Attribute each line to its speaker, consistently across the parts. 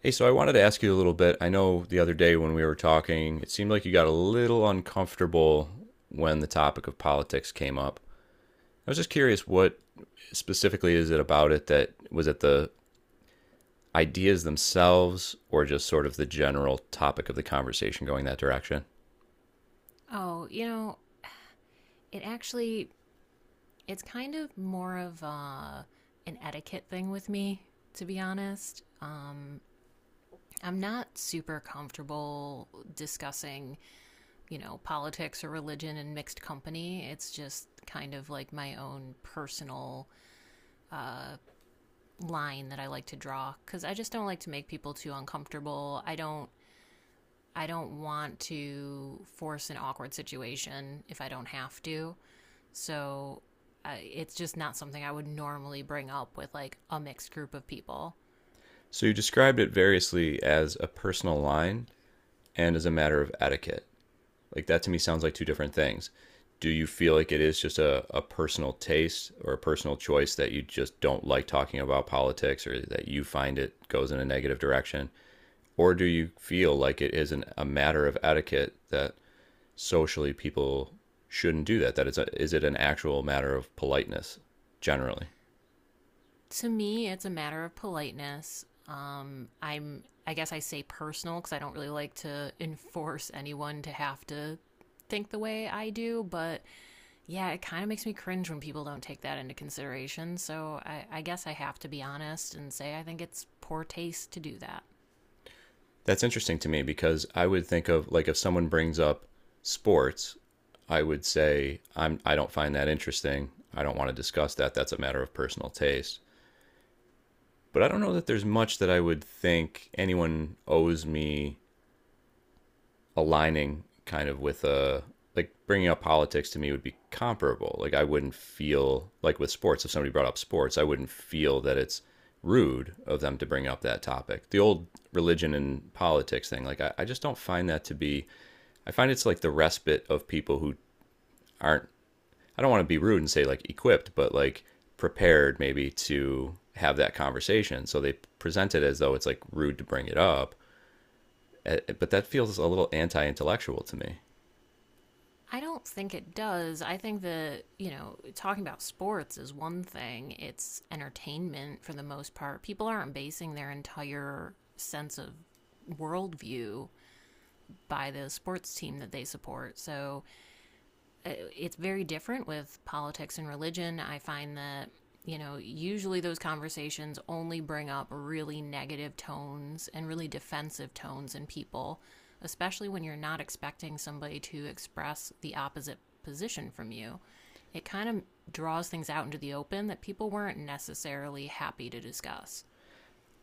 Speaker 1: Hey, so I wanted to ask you a little bit. I know the other day when we were talking, it seemed like you got a little uncomfortable when the topic of politics came up. I was just curious what specifically is it about it, that was it the ideas themselves or just sort of the general topic of the conversation going that direction?
Speaker 2: Oh, you know, it actually it's kind of more of an etiquette thing with me, to be honest. I'm not super comfortable discussing, you know, politics or religion in mixed company. It's just kind of like my own personal line that I like to draw because I just don't like to make people too uncomfortable. I don't want to force an awkward situation if I don't have to. So it's just not something I would normally bring up with like a mixed group of people.
Speaker 1: So you described it variously as a personal line and as a matter of etiquette. Like, that to me sounds like two different things. Do you feel like it is just a personal taste or a personal choice that you just don't like talking about politics, or that you find it goes in a negative direction? Or do you feel like it is a matter of etiquette that socially people shouldn't do that? That is, is it an actual matter of politeness generally?
Speaker 2: To me, it's a matter of politeness. I guess I say personal because I don't really like to enforce anyone to have to think the way I do, but yeah, it kind of makes me cringe when people don't take that into consideration. So I guess I have to be honest and say I think it's poor taste to do that.
Speaker 1: That's interesting to me, because I would think of, like, if someone brings up sports, I would say I don't find that interesting. I don't want to discuss that. That's a matter of personal taste. But I don't know that there's much that I would think anyone owes me, aligning kind of with a, like, bringing up politics to me would be comparable. Like, I wouldn't feel, like, with sports, if somebody brought up sports, I wouldn't feel that it's rude of them to bring up that topic. The old religion and politics thing, like, I just don't find that to be, I find it's like the respite of people who aren't, I don't want to be rude and say like equipped, but like prepared maybe to have that conversation. So they present it as though it's like rude to bring it up. But that feels a little anti intellectual to me.
Speaker 2: I don't think it does. I think that, you know, talking about sports is one thing. It's entertainment for the most part. People aren't basing their entire sense of worldview by the sports team that they support. So uh, it's very different with politics and religion. I find that, you know, usually those conversations only bring up really negative tones and really defensive tones in people, especially when you're not expecting somebody to express the opposite position from you. It kind of draws things out into the open that people weren't necessarily happy to discuss.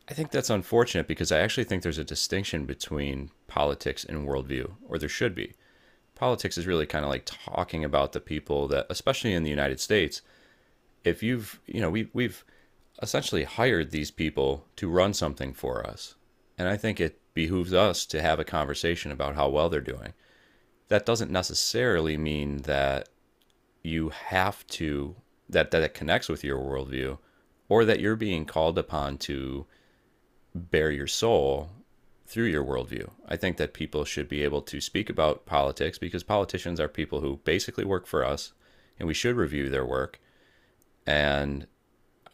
Speaker 1: I think that's unfortunate, because I actually think there's a distinction between politics and worldview, or there should be. Politics is really kind of like talking about the people that, especially in the United States, if you've, you know, we've essentially hired these people to run something for us, and I think it behooves us to have a conversation about how well they're doing. That doesn't necessarily mean that you have to, that it connects with your worldview, or that you're being called upon to bare your soul through your worldview. I think that people should be able to speak about politics, because politicians are people who basically work for us, and we should review their work. And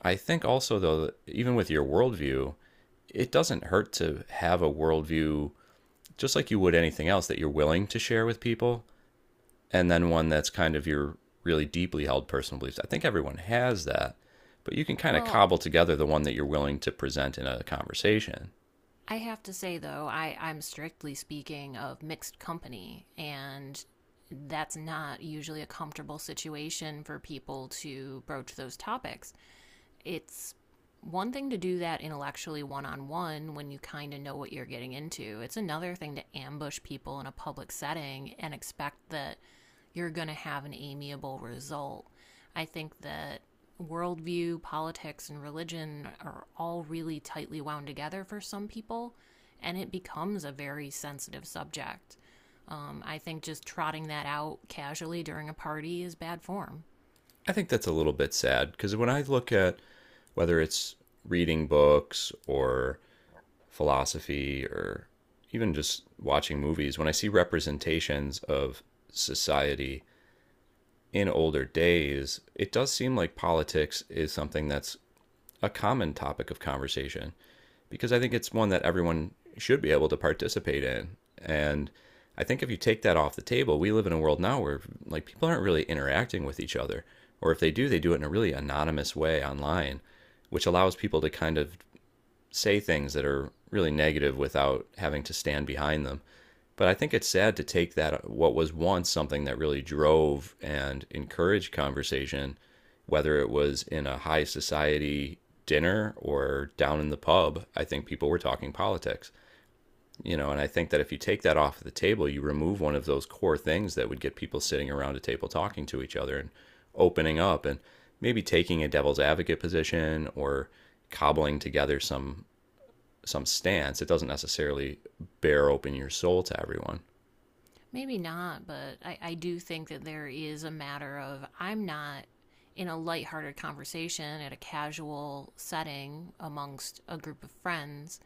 Speaker 1: I think also, though, even with your worldview, it doesn't hurt to have a worldview, just like you would anything else that you're willing to share with people, and then one that's kind of your really deeply held personal beliefs. I think everyone has that, but you can kind of
Speaker 2: Well,
Speaker 1: cobble together the one that you're willing to present in a conversation.
Speaker 2: I have to say though, I'm strictly speaking of mixed company, and that's not usually a comfortable situation for people to broach those topics. It's one thing to do that intellectually one on one when you kind of know what you're getting into. It's another thing to ambush people in a public setting and expect that you're going to have an amiable result. I think that worldview, politics, and religion are all really tightly wound together for some people, and it becomes a very sensitive subject. I think just trotting that out casually during a party is bad form.
Speaker 1: I think that's a little bit sad, because when I look at whether it's reading books or philosophy or even just watching movies, when I see representations of society in older days, it does seem like politics is something that's a common topic of conversation, because I think it's one that everyone should be able to participate in. And I think if you take that off the table, we live in a world now where, like, people aren't really interacting with each other, or if they do, they do it in a really anonymous way online, which allows people to kind of say things that are really negative without having to stand behind them. But I think it's sad to take that, what was once something that really drove and encouraged conversation, whether it was in a high society dinner or down in the pub, I think people were talking politics. You know, and I think that if you take that off the table, you remove one of those core things that would get people sitting around a table talking to each other and opening up and maybe taking a devil's advocate position or cobbling together some stance. It doesn't necessarily bear open your soul to everyone.
Speaker 2: Maybe not, but I do think that there is a matter of I'm not in a lighthearted conversation at a casual setting amongst a group of friends.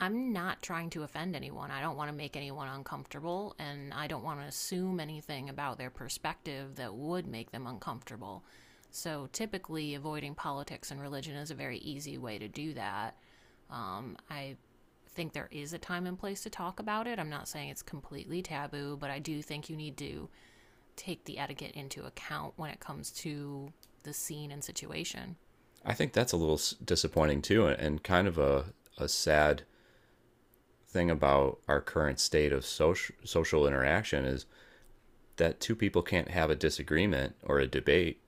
Speaker 2: I'm not trying to offend anyone. I don't want to make anyone uncomfortable, and I don't want to assume anything about their perspective that would make them uncomfortable. So typically, avoiding politics and religion is a very easy way to do that. I think there is a time and place to talk about it. I'm not saying it's completely taboo, but I do think you need to take the etiquette into account when it comes to the scene and situation.
Speaker 1: I think that's a little disappointing too, and kind of a sad thing about our current state of social social interaction is that two people can't have a disagreement or a debate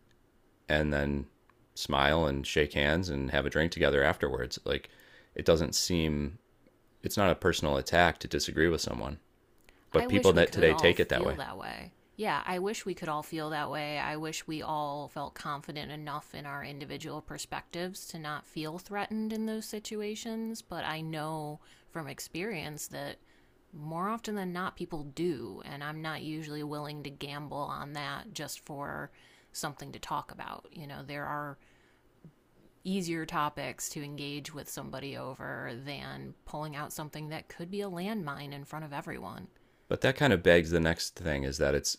Speaker 1: and then smile and shake hands and have a drink together afterwards. Like, it doesn't seem, it's not a personal attack to disagree with someone,
Speaker 2: I
Speaker 1: but people
Speaker 2: wish we
Speaker 1: that
Speaker 2: could
Speaker 1: today
Speaker 2: all
Speaker 1: take it that
Speaker 2: feel
Speaker 1: way.
Speaker 2: that way. Yeah, I wish we could all feel that way. I wish we all felt confident enough in our individual perspectives to not feel threatened in those situations. But I know from experience that more often than not, people do. And I'm not usually willing to gamble on that just for something to talk about. You know, there are easier topics to engage with somebody over than pulling out something that could be a landmine in front of everyone.
Speaker 1: But that kind of begs the next thing, is that it's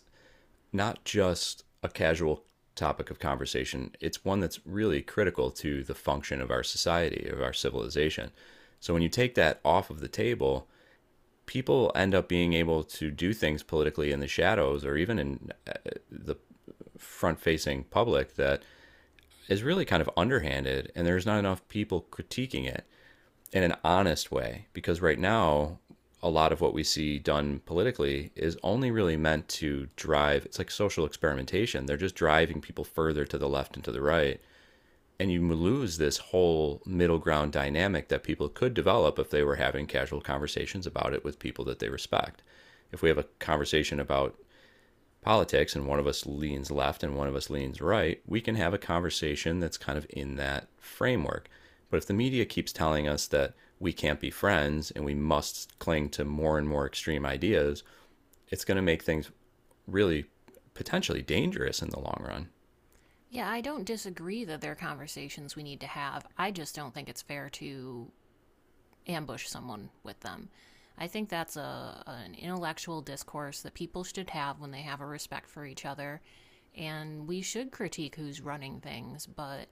Speaker 1: not just a casual topic of conversation. It's one that's really critical to the function of our society, of our civilization. So when you take that off of the table, people end up being able to do things politically in the shadows, or even in the front facing public, that is really kind of underhanded, and there's not enough people critiquing it in an honest way, because right now a lot of what we see done politically is only really meant to drive, it's like social experimentation, they're just driving people further to the left and to the right, and you lose this whole middle ground dynamic that people could develop if they were having casual conversations about it with people that they respect. If we have a conversation about politics, and one of us leans left and one of us leans right, we can have a conversation that's kind of in that framework. But if the media keeps telling us that we can't be friends and we must cling to more and more extreme ideas, it's going to make things really potentially dangerous in the long run.
Speaker 2: Yeah, I don't disagree that there are conversations we need to have. I just don't think it's fair to ambush someone with them. I think that's a an intellectual discourse that people should have when they have a respect for each other. And we should critique who's running things, but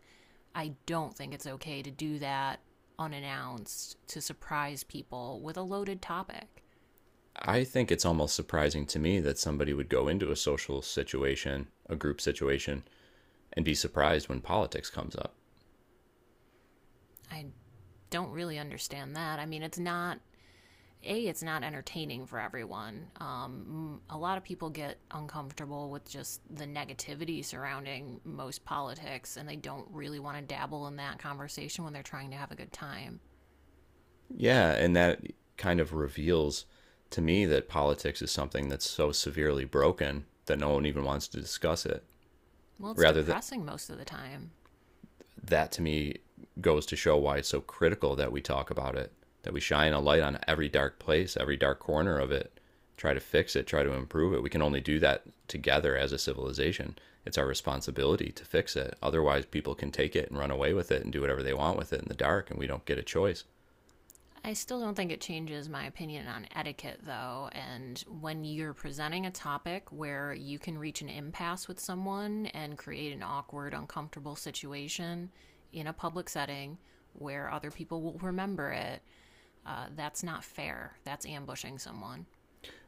Speaker 2: I don't think it's okay to do that unannounced to surprise people with a loaded topic.
Speaker 1: I think it's almost surprising to me that somebody would go into a social situation, a group situation, and be surprised when politics comes up.
Speaker 2: I don't really understand that. I mean, it's not entertaining for everyone. A lot of people get uncomfortable with just the negativity surrounding most politics, and they don't really want to dabble in that conversation when they're trying to have a good time.
Speaker 1: Yeah, and that kind of reveals to me that politics is something that's so severely broken that no one even wants to discuss it.
Speaker 2: Well, it's
Speaker 1: Rather, that,
Speaker 2: depressing most of the time.
Speaker 1: that to me goes to show why it's so critical that we talk about it, that we shine a light on every dark place, every dark corner of it, try to fix it, try to improve it. We can only do that together as a civilization. It's our responsibility to fix it. Otherwise, people can take it and run away with it and do whatever they want with it in the dark, and we don't get a choice.
Speaker 2: I still don't think it changes my opinion on etiquette, though. And when you're presenting a topic where you can reach an impasse with someone and create an awkward, uncomfortable situation in a public setting where other people will remember it, that's not fair. That's ambushing someone.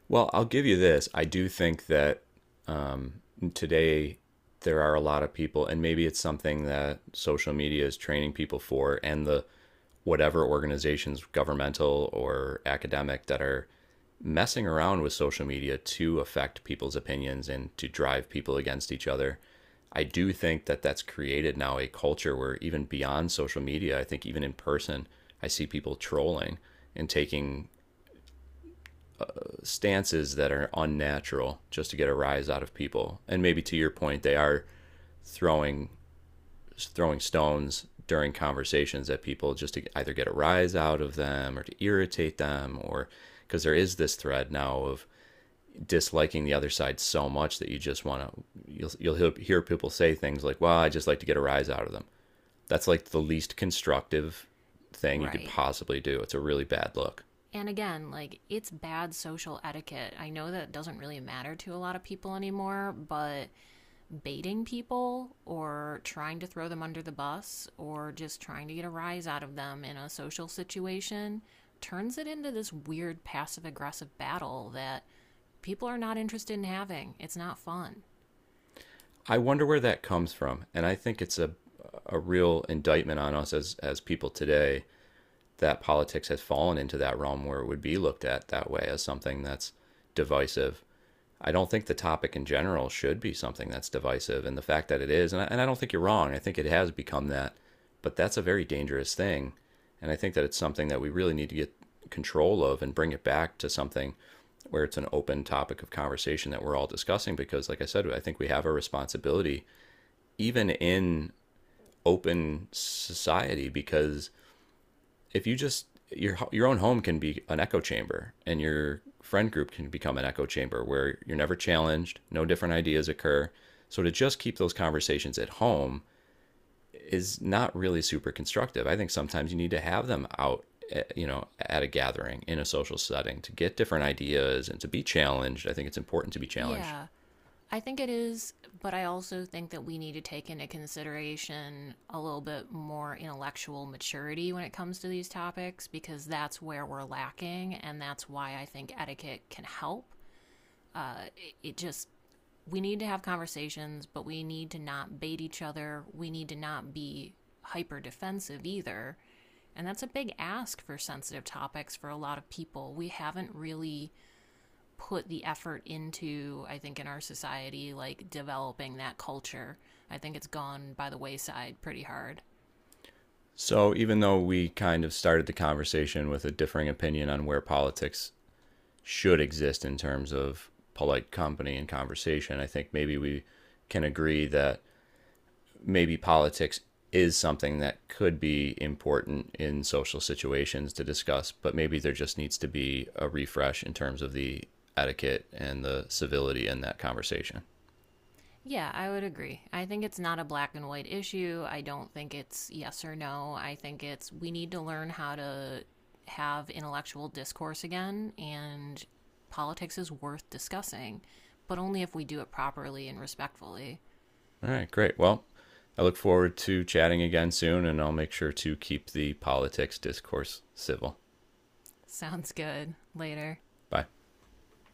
Speaker 1: Well, I'll give you this. I do think that, um, today, there are a lot of people, and maybe it's something that social media is training people for, and the whatever organizations, governmental or academic, that are messing around with social media to affect people's opinions and to drive people against each other. I do think that that's created now a culture where, even beyond social media, I think even in person, I see people trolling and taking stances that are unnatural just to get a rise out of people. And maybe to your point, they are throwing throwing stones during conversations at people just to either get a rise out of them or to irritate them, or because there is this thread now of disliking the other side so much that you just want to, you'll hear people say things like, well, I just like to get a rise out of them. That's like the least constructive thing you could
Speaker 2: Right.
Speaker 1: possibly do. It's a really bad look.
Speaker 2: And again, like, it's bad social etiquette. I know that doesn't really matter to a lot of people anymore, but baiting people or trying to throw them under the bus or just trying to get a rise out of them in a social situation turns it into this weird passive aggressive battle that people are not interested in having. It's not fun.
Speaker 1: I wonder where that comes from, and I think it's a real indictment on us as people today, that politics has fallen into that realm where it would be looked at that way, as something that's divisive. I don't think the topic in general should be something that's divisive, and the fact that it is, and I don't think you're wrong. I think it has become that, but that's a very dangerous thing, and I think that it's something that we really need to get control of and bring it back to something where it's an open topic of conversation that we're all discussing, because like I said, I think we have a responsibility, even in open society, because if you just, your own home can be an echo chamber, and your friend group can become an echo chamber where you're never challenged, no different ideas occur. So to just keep those conversations at home is not really super constructive. I think sometimes you need to have them out, you know, at a gathering in a social setting, to get different ideas and to be challenged. I think it's important to be challenged.
Speaker 2: Yeah, I think it is, but I also think that we need to take into consideration a little bit more intellectual maturity when it comes to these topics because that's where we're lacking, and that's why I think etiquette can help. Uh, it, it just, we need to have conversations, but we need to not bait each other. We need to not be hyper defensive either. And that's a big ask for sensitive topics for a lot of people. We haven't really put the effort into, I think, in our society, like developing that culture. I think it's gone by the wayside pretty hard.
Speaker 1: So even though we kind of started the conversation with a differing opinion on where politics should exist in terms of polite company and conversation, I think maybe we can agree that maybe politics is something that could be important in social situations to discuss, but maybe there just needs to be a refresh in terms of the etiquette and the civility in that conversation.
Speaker 2: Yeah, I would agree. I think it's not a black and white issue. I don't think it's yes or no. I think it's we need to learn how to have intellectual discourse again, and politics is worth discussing, but only if we do it properly and respectfully.
Speaker 1: All right, great. Well, I look forward to chatting again soon, and I'll make sure to keep the politics discourse civil.
Speaker 2: Sounds good. Later.
Speaker 1: Bye.